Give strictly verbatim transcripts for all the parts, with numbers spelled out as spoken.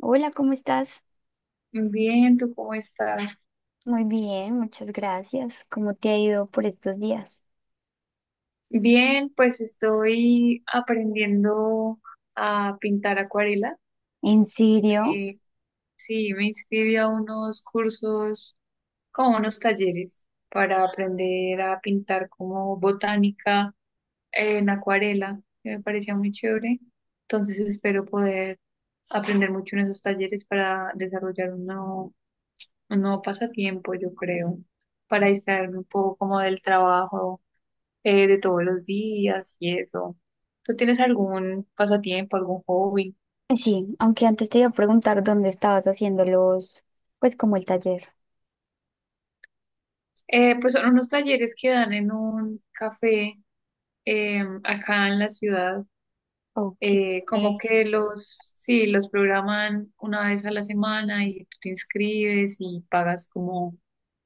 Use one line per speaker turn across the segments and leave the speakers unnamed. Hola, ¿cómo estás?
Bien, ¿tú cómo estás?
Muy bien, muchas gracias. ¿Cómo te ha ido por estos días?
Bien, pues estoy aprendiendo a pintar acuarela.
¿En serio?
Me, sí, me inscribí a unos cursos, como unos talleres, para aprender a pintar como botánica en acuarela, que me parecía muy chévere. Entonces espero poder aprender mucho en esos talleres para desarrollar un nuevo, un nuevo pasatiempo, yo creo, para distraerme un poco como del trabajo eh, de todos los días y eso. ¿Tú tienes algún pasatiempo, algún hobby?
Eh, Sí, aunque antes te iba a preguntar dónde estabas haciendo los, pues como el taller.
Eh, pues son unos talleres que dan en un café, eh, acá en la ciudad.
Ok.
Eh, como
Eh,
que los, sí, los programan una vez a la semana y tú te inscribes y pagas como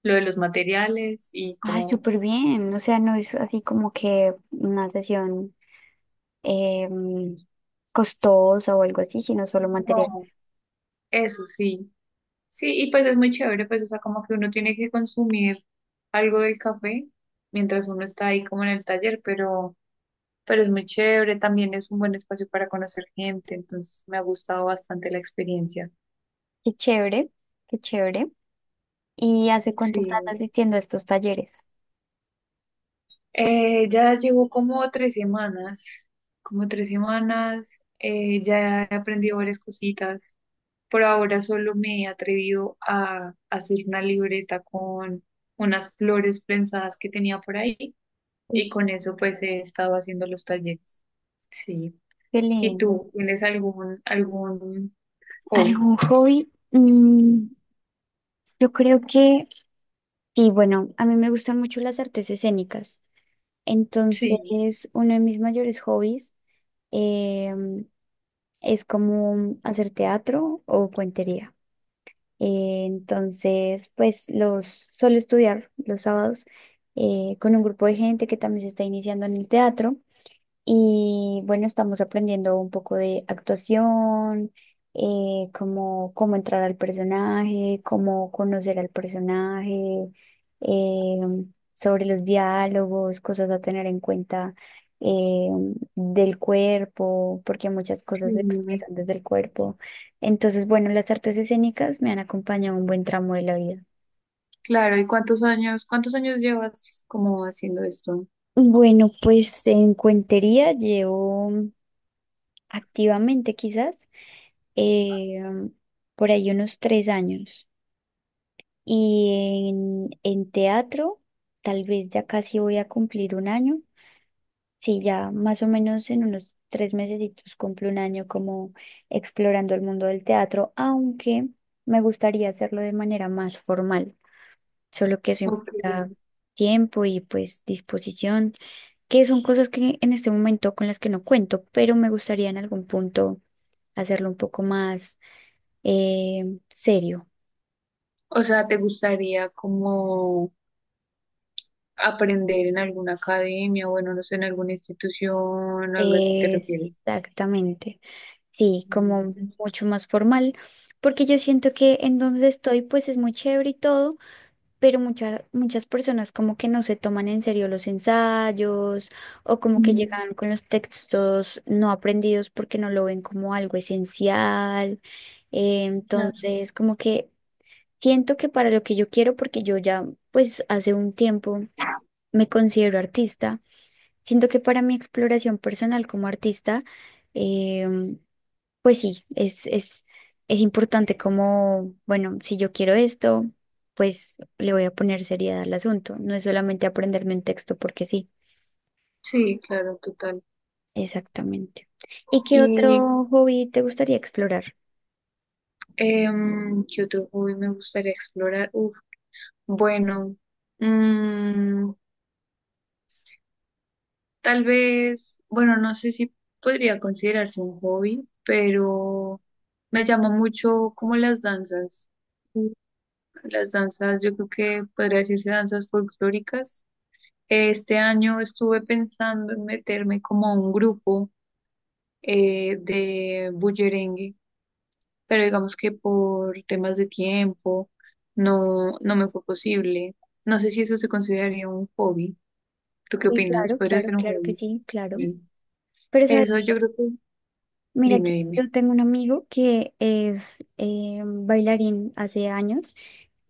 lo de los materiales y
Ay,
como,
súper bien. O sea, no es así como que una sesión em, costosa o algo así, sino solo material.
no, eso sí. Sí, y pues es muy chévere, pues o sea, como que uno tiene que consumir algo del café mientras uno está ahí como en el taller, pero... pero es muy chévere, también es un buen espacio para conocer gente, entonces me ha gustado bastante la experiencia.
Qué chévere, qué chévere. ¿Y hace cuánto estás
Sí.
asistiendo a estos talleres?
Eh, ya llevo como tres semanas, como tres semanas, eh, ya he aprendido varias cositas. Por ahora solo me he atrevido a hacer una libreta con unas flores prensadas que tenía por ahí,
Uf,
y con eso pues he estado haciendo los talleres. Sí.
qué
¿Y
lindo.
tú tienes algún algún hobby?
¿Algún hobby? Mm, yo creo que sí, bueno, a mí me gustan mucho las artes escénicas.
Sí.
Entonces, uno de mis mayores hobbies em, es como hacer teatro o cuentería. Eh, entonces, pues los suelo estudiar los sábados eh, con un grupo de gente que también se está iniciando en el teatro. Y bueno, estamos aprendiendo un poco de actuación, eh, cómo, cómo entrar al personaje, cómo conocer al personaje, eh, sobre los diálogos, cosas a tener en cuenta eh, del cuerpo, porque muchas
Sí.
cosas se expresan desde el cuerpo. Entonces, bueno, las artes escénicas me han acompañado un buen tramo de la vida.
Claro, ¿y cuántos años, cuántos años llevas como haciendo esto?
Bueno, pues en cuentería llevo activamente quizás. eh, por ahí unos tres años. Y en, en teatro, tal vez ya casi voy a cumplir un año. Sí, ya más o menos en unos tres mesecitos cumplo un año como explorando el mundo del teatro, aunque me gustaría hacerlo de manera más formal, solo que eso
Ok.
implica tiempo y pues disposición, que son cosas que en este momento con las que no cuento, pero me gustaría en algún punto hacerlo un poco más eh, serio.
O sea, ¿te gustaría como aprender en alguna academia, bueno, no sé, en alguna institución, algo así te refieres?
Exactamente. Sí, como
Mm.
mucho más formal, porque yo siento que en donde estoy pues es muy chévere y todo, pero muchas muchas personas como que no se toman en serio los ensayos o como que
Mm.
llegan con los textos no aprendidos porque no lo ven como algo esencial. Eh,
Claro.
entonces, como que siento que para lo que yo quiero, porque yo ya pues hace un tiempo me considero artista. Siento que para mi exploración personal como artista, em, pues sí, es, es, es importante como, bueno, si yo quiero esto, pues le voy a poner seriedad al asunto. No es solamente aprenderme un texto porque sí,
Sí, claro, total.
exactamente. ¿Y qué
¿Y
otro hobby te gustaría explorar?
em, qué otro hobby me gustaría explorar? Uf, bueno, mm, tal vez, bueno, no sé si podría considerarse un hobby, pero me llama mucho como las danzas. Las danzas, yo creo que podría decirse danzas folclóricas. Este año estuve pensando en meterme como a un grupo, eh, de bullerengue, pero digamos que por temas de tiempo no, no me fue posible. No sé si eso se consideraría un hobby. ¿Tú qué
Sí,
opinas?
claro,
¿Podría
claro,
ser un
claro que
hobby?
sí, claro.
Sí.
Pero sabes,
Eso yo creo que...
mira que
Dime,
yo
dime.
tengo un amigo que es eh, bailarín hace años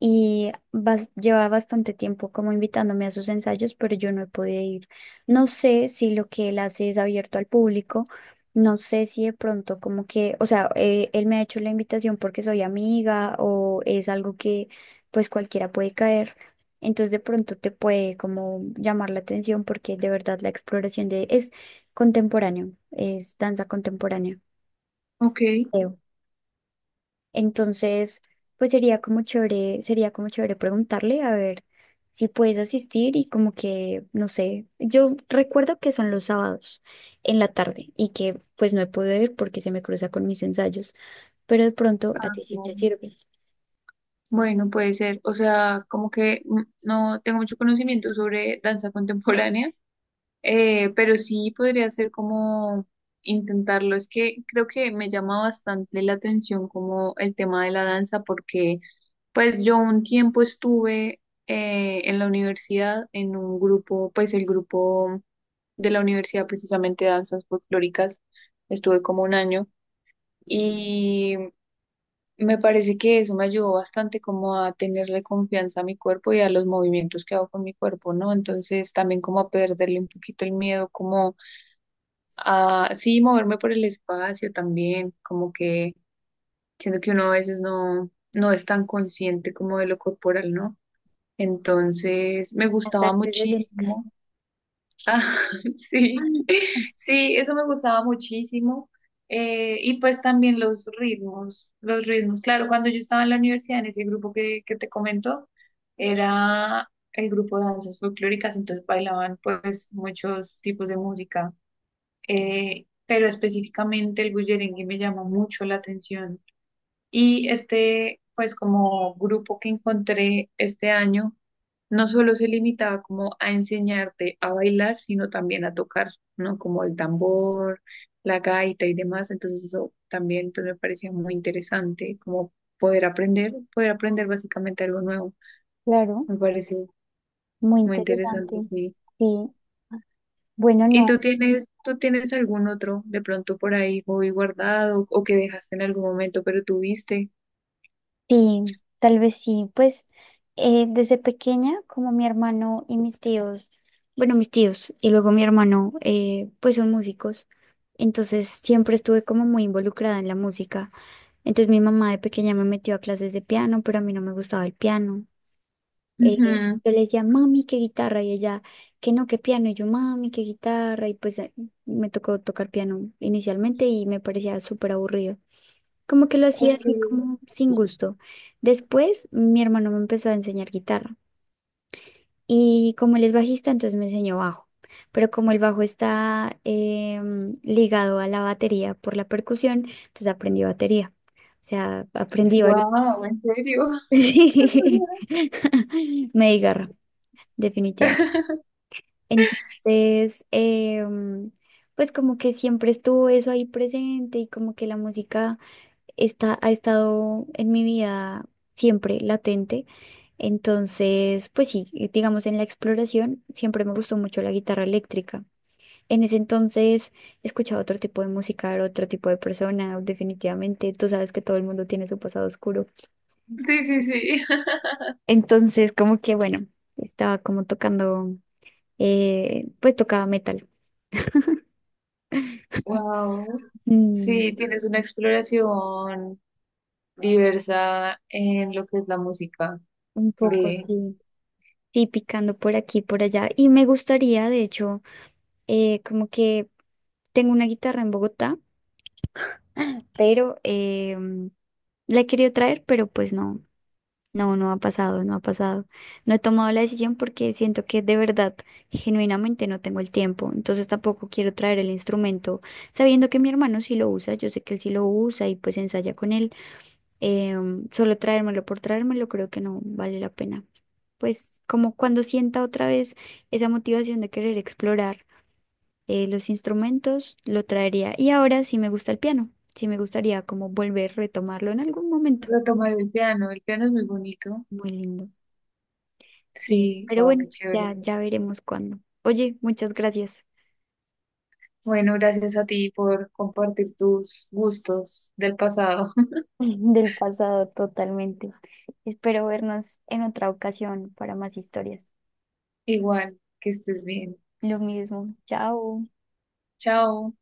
y bas- lleva bastante tiempo como invitándome a sus ensayos, pero yo no he podido ir. No sé si lo que él hace es abierto al público, no sé si de pronto como que, o sea, eh, él me ha hecho la invitación porque soy amiga o es algo que pues cualquiera puede caer. Entonces de pronto te puede como llamar la atención porque de verdad la exploración de es contemporáneo, es danza contemporánea
Ok.
creo. Entonces, pues sería como chévere, sería como chévere preguntarle a ver si puedes asistir y como que, no sé, yo recuerdo que son los sábados en la tarde y que pues no he podido ir porque se me cruza con mis ensayos, pero de pronto a
Ah,
ti sí te
claro.
sirve.
Bueno, puede ser. O sea, como que mm, no tengo mucho conocimiento sobre danza contemporánea, eh, pero sí podría ser como intentarlo. Es que creo que me llama bastante la atención como el tema de la danza, porque pues yo un tiempo estuve, eh, en la universidad en un grupo, pues el grupo de la universidad precisamente de danzas folclóricas, estuve como un año. Me parece que eso me ayudó bastante como a tenerle confianza a mi cuerpo y a los movimientos que hago con mi cuerpo, ¿no? Entonces también como a perderle un poquito el miedo, como a, sí, moverme por el espacio también, como que siento que uno a veces no, no es tan consciente como de lo corporal, ¿no? Entonces me
Las
gustaba
artes escénicas.
muchísimo. Ah, sí,
Ah,
sí, eso me gustaba muchísimo. Eh, y pues también los ritmos, los ritmos. Claro, cuando yo estaba en la universidad, en ese grupo que, que te comento, era el grupo de danzas folclóricas, entonces bailaban pues muchos tipos de música. Eh, pero específicamente el bullerengue me llamó mucho la atención. Y este, pues como grupo que encontré este año no solo se limitaba como a enseñarte a bailar, sino también a tocar, ¿no? Como el tambor, la gaita y demás. Entonces eso también pues, me parecía muy interesante, como poder aprender, poder aprender básicamente algo nuevo.
claro,
Me parece
muy
muy interesante,
interesante.
sí.
Sí. Bueno,
¿Y
no.
tú tienes, tú tienes algún otro de pronto por ahí hobby guardado o que dejaste en algún momento pero tuviste?
Sí, tal vez sí. Pues eh, desde pequeña, como mi hermano y mis tíos, bueno, mis tíos y luego mi hermano, eh, pues son músicos. Entonces siempre estuve como muy involucrada en la música. Entonces mi mamá de pequeña me metió a clases de piano, pero a mí no me gustaba el piano. Eh,
Ujú.
yo le decía, mami, qué guitarra, y ella, que no, qué piano, y yo, mami, qué guitarra, y pues eh, me tocó tocar piano inicialmente y me parecía súper aburrido. Como que lo hacía
Ok.
así como sin gusto. Después mi hermano me empezó a enseñar guitarra y como él es bajista, entonces me enseñó bajo. Pero como el bajo está em, ligado a la batería por la percusión, entonces aprendí batería. O sea, aprendí varias.
Wow, ¿en serio?
Sí. Me di garra, definitivamente. Entonces, em, pues como que siempre estuvo eso ahí presente y como que la música está, ha estado en mi vida siempre latente. Entonces, pues sí, digamos en la exploración siempre me gustó mucho la guitarra eléctrica. En ese entonces escuchaba otro tipo de música, era otro tipo de persona, definitivamente. Tú sabes que todo el mundo tiene su pasado oscuro.
Sí, sí, sí.
Entonces, como que bueno, estaba como tocando, eh, pues tocaba metal.
Wow.
Mm,
Sí, tienes una exploración diversa en lo que es la música.
un poco,
Ve,
sí. Sí, picando por aquí, por allá. Y me gustaría, de hecho, eh, como que tengo una guitarra en Bogotá, pero eh, la he querido traer, pero pues no, no, no ha pasado, no ha pasado. No he tomado la decisión porque siento que de verdad, genuinamente no tengo el tiempo, entonces tampoco quiero traer el instrumento, sabiendo que mi hermano sí lo usa, yo sé que él sí lo usa y pues ensaya con él. Em, solo traérmelo por traérmelo creo que no vale la pena. Pues como cuando sienta otra vez esa motivación de querer explorar eh, los instrumentos, lo traería. Y ahora sí me gusta el piano, sí me gustaría como volver a retomarlo en algún momento.
retomar el piano. El piano es muy bonito.
Muy lindo. Sí,
Sí,
pero
wow,
bueno,
qué
ya,
chévere.
ya veremos cuándo. Oye, muchas gracias.
Bueno, gracias a ti por compartir tus gustos del pasado.
Del pasado totalmente. Espero vernos en otra ocasión para más historias.
Igual, que estés bien.
Lo mismo. Chao.
Chao.